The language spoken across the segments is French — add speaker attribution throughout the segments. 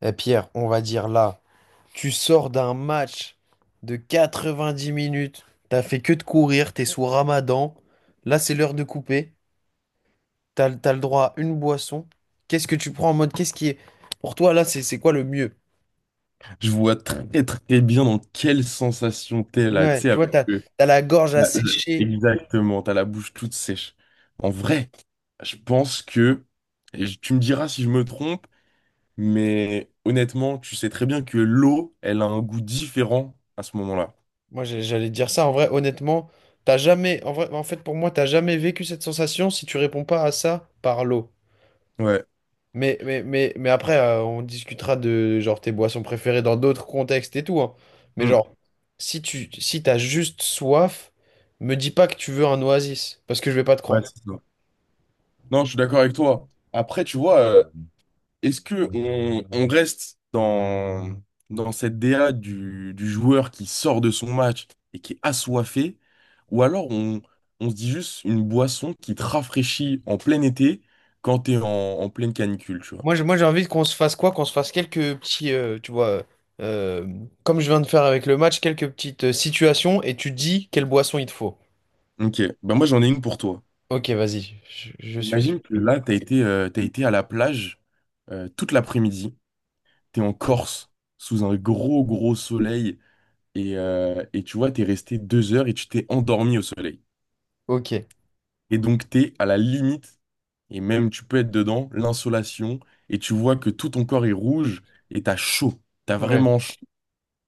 Speaker 1: Eh Pierre, on va dire là, tu sors d'un match de 90 minutes, t'as fait que de courir, t'es sous Ramadan, là c'est l'heure de couper, t'as le droit à une boisson. Qu'est-ce que tu prends en mode, pour toi là, c'est quoi le mieux?
Speaker 2: Je vois très très bien dans quelle sensation t'es là, tu
Speaker 1: Ouais,
Speaker 2: sais,
Speaker 1: tu
Speaker 2: avec
Speaker 1: vois, t'as,
Speaker 2: le-
Speaker 1: t'as la gorge asséchée.
Speaker 2: exactement, t'as la bouche toute sèche. En vrai, je pense que, tu me diras si je me trompe, mais honnêtement, tu sais très bien que l'eau, elle a un goût différent à ce moment-là.
Speaker 1: Moi j'allais te dire ça, en vrai, honnêtement, t'as jamais, en vrai, en fait pour moi, t'as jamais vécu cette sensation si tu réponds pas à ça par l'eau.
Speaker 2: Ouais.
Speaker 1: Mais après, on discutera de genre tes boissons préférées dans d'autres contextes et tout, hein. Mais
Speaker 2: Mm.
Speaker 1: genre, si t'as juste soif, me dis pas que tu veux un Oasis, parce que je vais pas te
Speaker 2: Ouais,
Speaker 1: croire.
Speaker 2: c'est ça. Non, je suis d'accord avec toi. Après, tu vois, est-ce que on reste dans cette DA du joueur qui sort de son match et qui est assoiffé, ou alors on se dit juste une boisson qui te rafraîchit en plein été quand t'es en pleine canicule, tu vois.
Speaker 1: Moi j'ai envie qu'on se fasse quoi? Qu'on se fasse quelques petits, tu vois, euh, comme je viens de faire avec le match, quelques petites situations, et tu dis quelle boisson il te faut.
Speaker 2: Ok, ben moi j'en ai une pour toi.
Speaker 1: Ok, vas-y, je suis tout
Speaker 2: Imagine que
Speaker 1: oui.
Speaker 2: là, t'as été à la plage toute l'après-midi, t'es en Corse, sous un gros gros soleil, et tu vois, t'es resté 2 heures et tu t'es endormi au soleil.
Speaker 1: Ok.
Speaker 2: Et donc, t'es à la limite, et même tu peux être dedans, l'insolation, et tu vois que tout ton corps est rouge, et t'as chaud. T'as
Speaker 1: Ouais.
Speaker 2: vraiment chaud.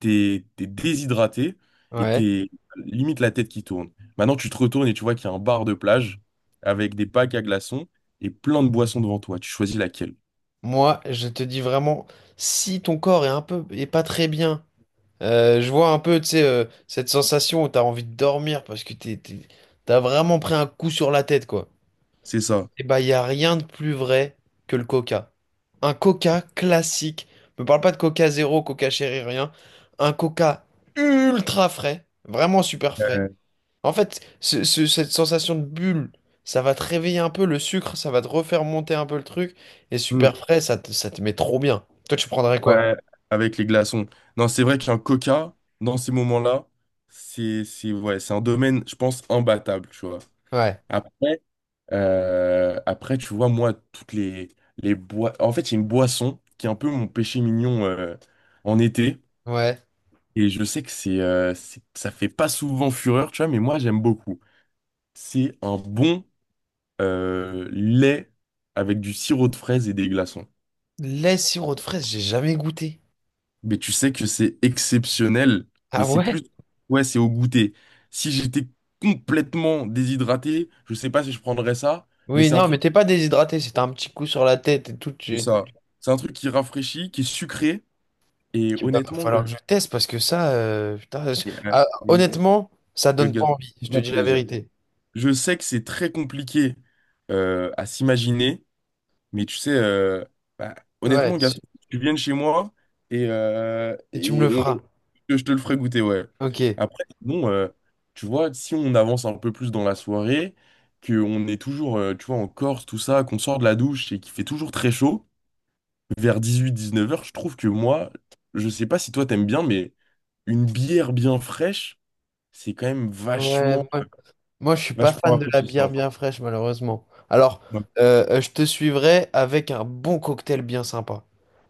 Speaker 2: T'es déshydraté, et
Speaker 1: Ouais.
Speaker 2: t'es limite la tête qui tourne. Maintenant, tu te retournes et tu vois qu'il y a un bar de plage avec des packs à glaçons et plein de boissons devant toi. Tu choisis laquelle.
Speaker 1: Moi, je te dis vraiment, si ton corps est un peu, est pas très bien. Je vois un peu, tu sais, cette sensation où t'as envie de dormir parce que t'as vraiment pris un coup sur la tête, quoi.
Speaker 2: C'est ça.
Speaker 1: Et bah, y a rien de plus vrai que le Coca. Un Coca classique. Me parle pas de Coca Zéro, Coca Chéri, rien. Un Coca ultra frais. Vraiment super frais.
Speaker 2: Euh,
Speaker 1: En fait, cette sensation de bulle, ça va te réveiller un peu le sucre, ça va te refaire monter un peu le truc. Et super
Speaker 2: hmm,
Speaker 1: frais, ça te met trop bien. Toi, tu prendrais quoi?
Speaker 2: ouais, avec les glaçons. Non, c'est vrai qu'un coca, dans ces moments-là, ouais, c'est un domaine, je pense, imbattable, tu vois.
Speaker 1: Ouais.
Speaker 2: Après, tu vois, moi, toutes les bois en fait, il y a une boisson qui est un peu mon péché mignon en été.
Speaker 1: Ouais.
Speaker 2: Et je sais que ça fait pas souvent fureur, tu vois, mais moi, j'aime beaucoup. C'est un bon lait avec du sirop de fraise et des glaçons.
Speaker 1: Lait sirop de fraise, j'ai jamais goûté.
Speaker 2: Mais tu sais que c'est exceptionnel, mais
Speaker 1: Ah
Speaker 2: c'est
Speaker 1: ouais?
Speaker 2: plus. Ouais, c'est au goûter. Si j'étais complètement déshydraté, je sais pas si je prendrais ça, mais
Speaker 1: Oui,
Speaker 2: c'est un
Speaker 1: non, mais
Speaker 2: truc.
Speaker 1: t'es pas déshydraté, c'est un petit coup sur la tête et tout.
Speaker 2: C'est
Speaker 1: Tu...
Speaker 2: ça. C'est un truc qui rafraîchit, qui est sucré. Et
Speaker 1: Il va
Speaker 2: honnêtement,
Speaker 1: falloir que je teste parce que ça, putain,
Speaker 2: et, euh,
Speaker 1: ah,
Speaker 2: le-
Speaker 1: honnêtement, ça
Speaker 2: le
Speaker 1: donne
Speaker 2: gars,
Speaker 1: pas envie, je te
Speaker 2: grand
Speaker 1: dis la
Speaker 2: plaisir.
Speaker 1: vérité.
Speaker 2: Je sais que c'est très compliqué à s'imaginer, mais tu sais, bah,
Speaker 1: Ouais,
Speaker 2: honnêtement, Gaston, tu viennes chez moi et, euh,
Speaker 1: et tu me
Speaker 2: et
Speaker 1: le
Speaker 2: on,
Speaker 1: feras.
Speaker 2: je te le ferai goûter, ouais.
Speaker 1: Ok.
Speaker 2: Après, bon, tu vois, si on avance un peu plus dans la soirée, qu'on est toujours, tu vois, en Corse, tout ça, qu'on sort de la douche et qu'il fait toujours très chaud, vers 18-19 heures, je trouve que moi, je sais pas si toi t'aimes bien, mais une bière bien fraîche, c'est quand même
Speaker 1: Ouais,
Speaker 2: vachement,
Speaker 1: moi je suis pas
Speaker 2: vachement
Speaker 1: fan de la bière
Speaker 2: rafraîchissant.
Speaker 1: bien fraîche, malheureusement. Alors,
Speaker 2: Ouais.
Speaker 1: je te suivrai avec un bon cocktail bien sympa.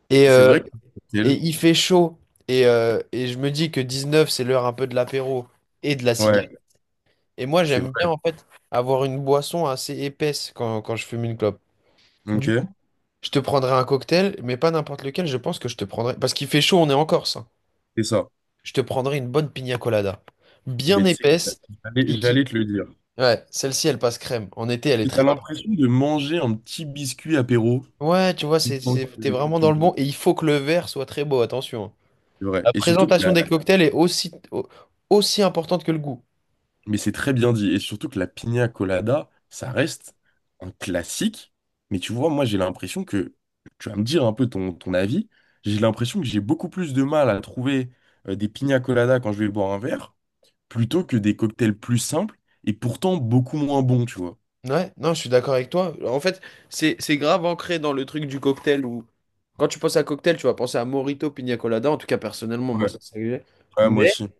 Speaker 1: Et,
Speaker 2: C'est
Speaker 1: euh,
Speaker 2: vrai que c'est le
Speaker 1: et
Speaker 2: cocktail.
Speaker 1: il fait chaud, et je me dis que 19 h c'est l'heure un peu de l'apéro et de la cigarette.
Speaker 2: Ouais,
Speaker 1: Et moi,
Speaker 2: c'est
Speaker 1: j'aime bien,
Speaker 2: vrai.
Speaker 1: en fait, avoir une boisson assez épaisse quand je fume une clope.
Speaker 2: Ok,
Speaker 1: Du coup, je te prendrai un cocktail, mais pas n'importe lequel. Je pense que je te prendrai... Parce qu'il fait chaud, on est en Corse, hein.
Speaker 2: c'est ça.
Speaker 1: Je te prendrai une bonne pina colada.
Speaker 2: Et
Speaker 1: Bien
Speaker 2: ben, tu sais,
Speaker 1: épaisse.
Speaker 2: j'allais
Speaker 1: Qui, qui...
Speaker 2: j'allais te le dire.
Speaker 1: Ouais, celle-ci, elle passe crème. En été, elle est
Speaker 2: Tu as
Speaker 1: très...
Speaker 2: l'impression de manger un petit biscuit apéro.
Speaker 1: Ouais, tu vois,
Speaker 2: Une fois
Speaker 1: t'es
Speaker 2: que
Speaker 1: vraiment
Speaker 2: tu
Speaker 1: dans le
Speaker 2: bois.
Speaker 1: bon. Et il faut que le verre soit très beau, attention, hein.
Speaker 2: C'est vrai.
Speaker 1: La
Speaker 2: Et surtout que
Speaker 1: présentation
Speaker 2: la-
Speaker 1: des cocktails est aussi, aussi importante que le goût.
Speaker 2: Mais c'est très bien dit. Et surtout que la piña colada, ça reste un classique. Mais tu vois, moi, j'ai l'impression que… Tu vas me dire un peu ton, ton avis. J'ai l'impression que j'ai beaucoup plus de mal à trouver des piña colada quand je vais boire un verre plutôt que des cocktails plus simples et pourtant beaucoup moins bons, tu vois.
Speaker 1: Ouais, non, je suis d'accord avec toi. En fait, c'est grave ancré dans le truc du cocktail où quand tu penses à cocktail, tu vas penser à Morito, Pina Colada. En tout cas, personnellement, moi,
Speaker 2: Ouais,
Speaker 1: c'est ça que j'ai.
Speaker 2: ouais, moi
Speaker 1: Mais
Speaker 2: aussi.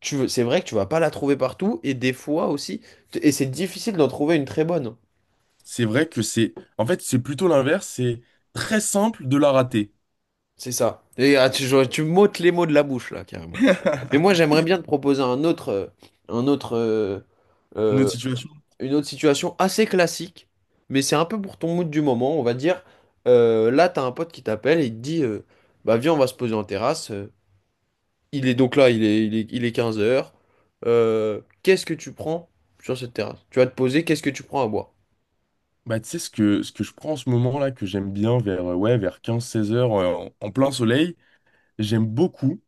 Speaker 1: tu veux, c'est vrai que tu vas pas la trouver partout, et des fois aussi, et c'est difficile d'en trouver une très bonne.
Speaker 2: C'est vrai que c'est… En fait, c'est plutôt l'inverse, c'est très simple de la rater.
Speaker 1: C'est ça. Et ah, tu m'ôtes les mots de la bouche là, carrément. Et moi, j'aimerais bien te proposer un autre euh,
Speaker 2: Notre situation.
Speaker 1: une autre situation assez classique, mais c'est un peu pour ton mood du moment, on va dire. Là, t'as un pote qui t'appelle et il te dit bah, viens, on va se poser en terrasse. Il est donc là, il est 15 h. Qu'est-ce que tu prends sur cette terrasse? Tu vas te poser, qu'est-ce que tu prends à boire?
Speaker 2: Bah, tu sais, ce que je prends en ce moment là, que j'aime bien vers, ouais, vers 15-16 heures en plein soleil, j'aime beaucoup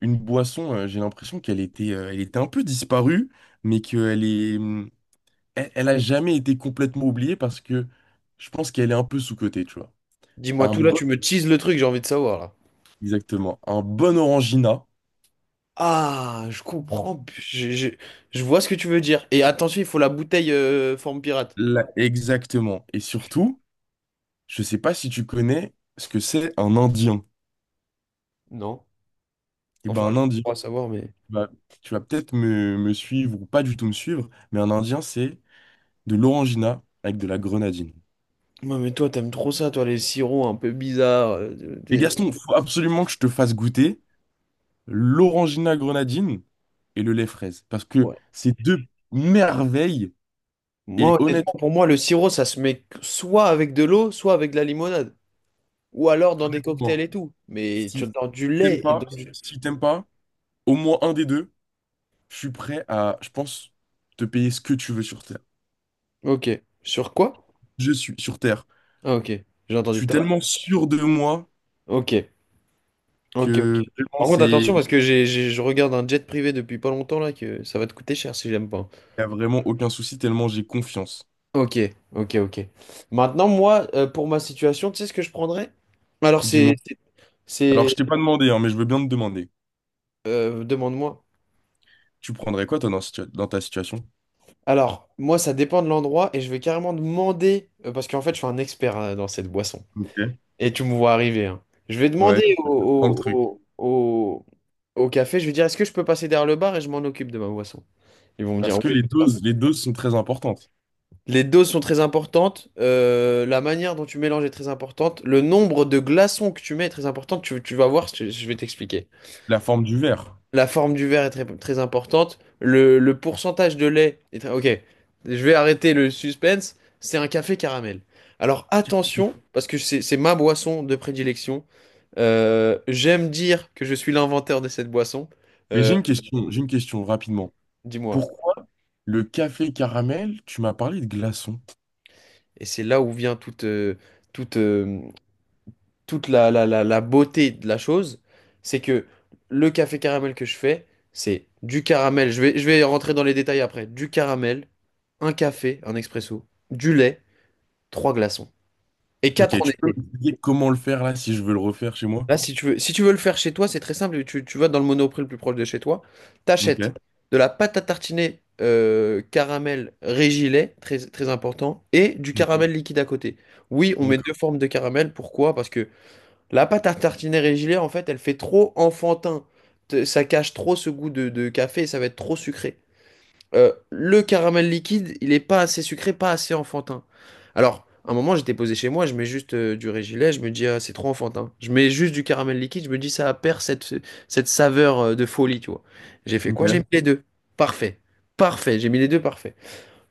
Speaker 2: une boisson. J'ai l'impression qu'elle était un peu disparue, mais qu'elle est, elle a jamais été complètement oubliée parce que je pense qu'elle est un peu sous-cotée, tu vois.
Speaker 1: Dis-moi
Speaker 2: Un
Speaker 1: tout là, tu me teases le truc, j'ai envie de savoir là.
Speaker 2: Exactement. Un bon Orangina.
Speaker 1: Ah, je comprends, je vois ce que tu veux dire. Et attention, il faut la bouteille forme pirate.
Speaker 2: Là, exactement. Et surtout, je sais pas si tu connais ce que c'est un Indien.
Speaker 1: Non?
Speaker 2: Et ben
Speaker 1: Enfin,
Speaker 2: un
Speaker 1: je
Speaker 2: Indien,
Speaker 1: crois savoir, mais.
Speaker 2: tu vas, tu vas peut-être me suivre ou pas du tout me suivre, mais un Indien, c'est de l'Orangina avec de la grenadine.
Speaker 1: Ouais, mais toi, t'aimes trop ça, toi, les sirops un peu bizarres.
Speaker 2: Mais Gaston, faut absolument que je te fasse goûter l'Orangina grenadine et le lait fraise. Parce que
Speaker 1: Ouais.
Speaker 2: c'est deux merveilles. Et
Speaker 1: Moi, honnêtement,
Speaker 2: honnête-
Speaker 1: pour moi, le sirop, ça se met soit avec de l'eau, soit avec de la limonade. Ou alors dans des cocktails
Speaker 2: honnêtement,
Speaker 1: et tout. Mais
Speaker 2: si,
Speaker 1: tu dans
Speaker 2: si
Speaker 1: du
Speaker 2: t'aimes
Speaker 1: lait et
Speaker 2: pas,
Speaker 1: dans du-
Speaker 2: si t'aimes pas, au moins un des deux. Je suis prêt à, je pense, te payer ce que tu veux sur Terre.
Speaker 1: ok. Sur quoi?
Speaker 2: Je suis sur Terre.
Speaker 1: Ah, ok. J'ai
Speaker 2: Je
Speaker 1: entendu
Speaker 2: suis
Speaker 1: tout à
Speaker 2: tellement
Speaker 1: l'heure.
Speaker 2: sûr de moi
Speaker 1: Ok. Ok, ok.
Speaker 2: que vraiment,
Speaker 1: Par
Speaker 2: c'est,
Speaker 1: contre, attention,
Speaker 2: il
Speaker 1: parce que je regarde un jet privé depuis pas longtemps, là, que ça va te coûter cher si j'aime pas.
Speaker 2: n'y a vraiment aucun souci, tellement j'ai confiance.
Speaker 1: Ok, ok, ok. Maintenant, moi, pour ma situation, tu sais ce que je prendrais? Alors,
Speaker 2: Dis-moi.
Speaker 1: c'est... c'est-
Speaker 2: Alors, je
Speaker 1: c'est-
Speaker 2: t'ai pas demandé, hein, mais je veux bien te demander.
Speaker 1: demande-moi.
Speaker 2: Tu prendrais quoi, toi, dans ta situation?
Speaker 1: Alors, moi, ça dépend de l'endroit et je vais carrément demander, parce qu'en fait, je suis un expert, hein, dans cette boisson.
Speaker 2: Ok.
Speaker 1: Et tu me vois arriver, hein. Je vais
Speaker 2: Ouais,
Speaker 1: demander
Speaker 2: je te prends le truc.
Speaker 1: au, au, au- au café, je vais dire, est-ce que je peux passer derrière le bar et je m'en occupe de ma boisson? Ils vont me dire,
Speaker 2: Parce que
Speaker 1: ouais, tout ça.
Speaker 2: les doses sont très importantes.
Speaker 1: Les doses sont très importantes, la manière dont tu mélanges est très importante, le nombre de glaçons que tu mets est très important, tu vas voir, je vais t'expliquer.
Speaker 2: La forme du verre.
Speaker 1: La forme du verre est très, très importante. Le pourcentage de lait est très... Ok, je vais arrêter le suspense. C'est un café caramel. Alors attention, parce que c'est ma boisson de prédilection. J'aime dire que je suis l'inventeur de cette boisson.
Speaker 2: Mais
Speaker 1: Euh,
Speaker 2: j'ai une question rapidement.
Speaker 1: Dis-moi.
Speaker 2: Pourquoi le café caramel, tu m'as parlé de glaçons?
Speaker 1: Et c'est là où vient toute, euh, toute la beauté de la chose, c'est que le café caramel que je fais, c'est du caramel, je vais rentrer dans les détails après, du caramel, un café, un expresso, du lait, trois glaçons. Et quatre
Speaker 2: Ok,
Speaker 1: en
Speaker 2: tu peux
Speaker 1: été.
Speaker 2: m'expliquer comment le faire là si je veux le refaire chez moi?
Speaker 1: Là, si tu veux, le faire chez toi, c'est très simple, tu vas dans le Monoprix le plus proche de chez toi, t'achètes
Speaker 2: Ok.
Speaker 1: de la pâte à tartiner caramel régilet, très, très important, et du
Speaker 2: Mm.
Speaker 1: caramel liquide à côté. Oui, on met deux
Speaker 2: D'accord.
Speaker 1: formes de caramel, pourquoi? Parce que la pâte à tartiner régulière, en fait, elle fait trop enfantin. Ça cache trop ce goût de café et ça va être trop sucré. Le caramel liquide, il est pas assez sucré, pas assez enfantin. Alors, à un moment, j'étais posé chez moi, je mets juste du régilet, je me dis, ah, c'est trop enfantin. Je mets juste du caramel liquide, je me dis, ça perd cette saveur de folie, tu vois. J'ai fait quoi? J'ai
Speaker 2: Ok.
Speaker 1: mis les deux. Parfait. Parfait. J'ai mis les deux, parfait.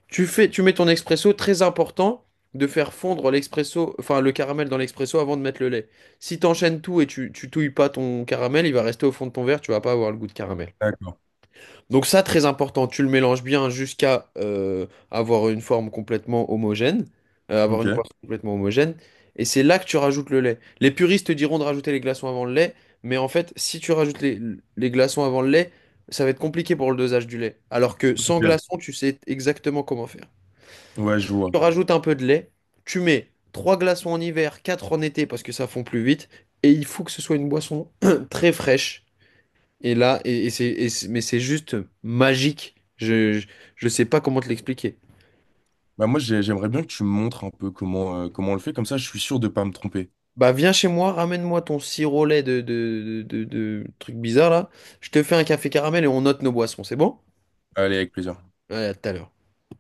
Speaker 1: Tu fais, tu mets ton expresso. Très important de faire fondre l'expresso, enfin le caramel dans l'expresso avant de mettre le lait. Si t'enchaînes tout et tu touilles pas ton caramel, il va rester au fond de ton verre, tu vas pas avoir le goût de caramel.
Speaker 2: D'accord.
Speaker 1: Donc ça, très important, tu le mélanges bien jusqu'à avoir une forme complètement homogène, avoir une
Speaker 2: Ok.
Speaker 1: forme complètement homogène, et c'est là que tu rajoutes le lait. Les puristes te diront de rajouter les glaçons avant le lait, mais en fait, si tu rajoutes les glaçons avant le lait, ça va être compliqué pour le dosage du lait. Alors que sans
Speaker 2: Ok.
Speaker 1: glaçons, tu sais exactement comment faire.
Speaker 2: Ouais, je vois.
Speaker 1: Tu rajoutes un peu de lait, tu mets trois glaçons en hiver, quatre en été parce que ça fond plus vite, et il faut que ce soit une boisson très fraîche. Et là, mais c'est juste magique. Je sais pas comment te l'expliquer.
Speaker 2: Bah moi j'aimerais bien que tu me montres un peu comment comment on le fait, comme ça je suis sûr de pas me tromper.
Speaker 1: Bah viens chez moi, ramène-moi ton sirop au lait de truc bizarre là. Je te fais un café caramel et on note nos boissons, c'est bon?
Speaker 2: Allez, avec plaisir.
Speaker 1: Allez, à tout à l'heure.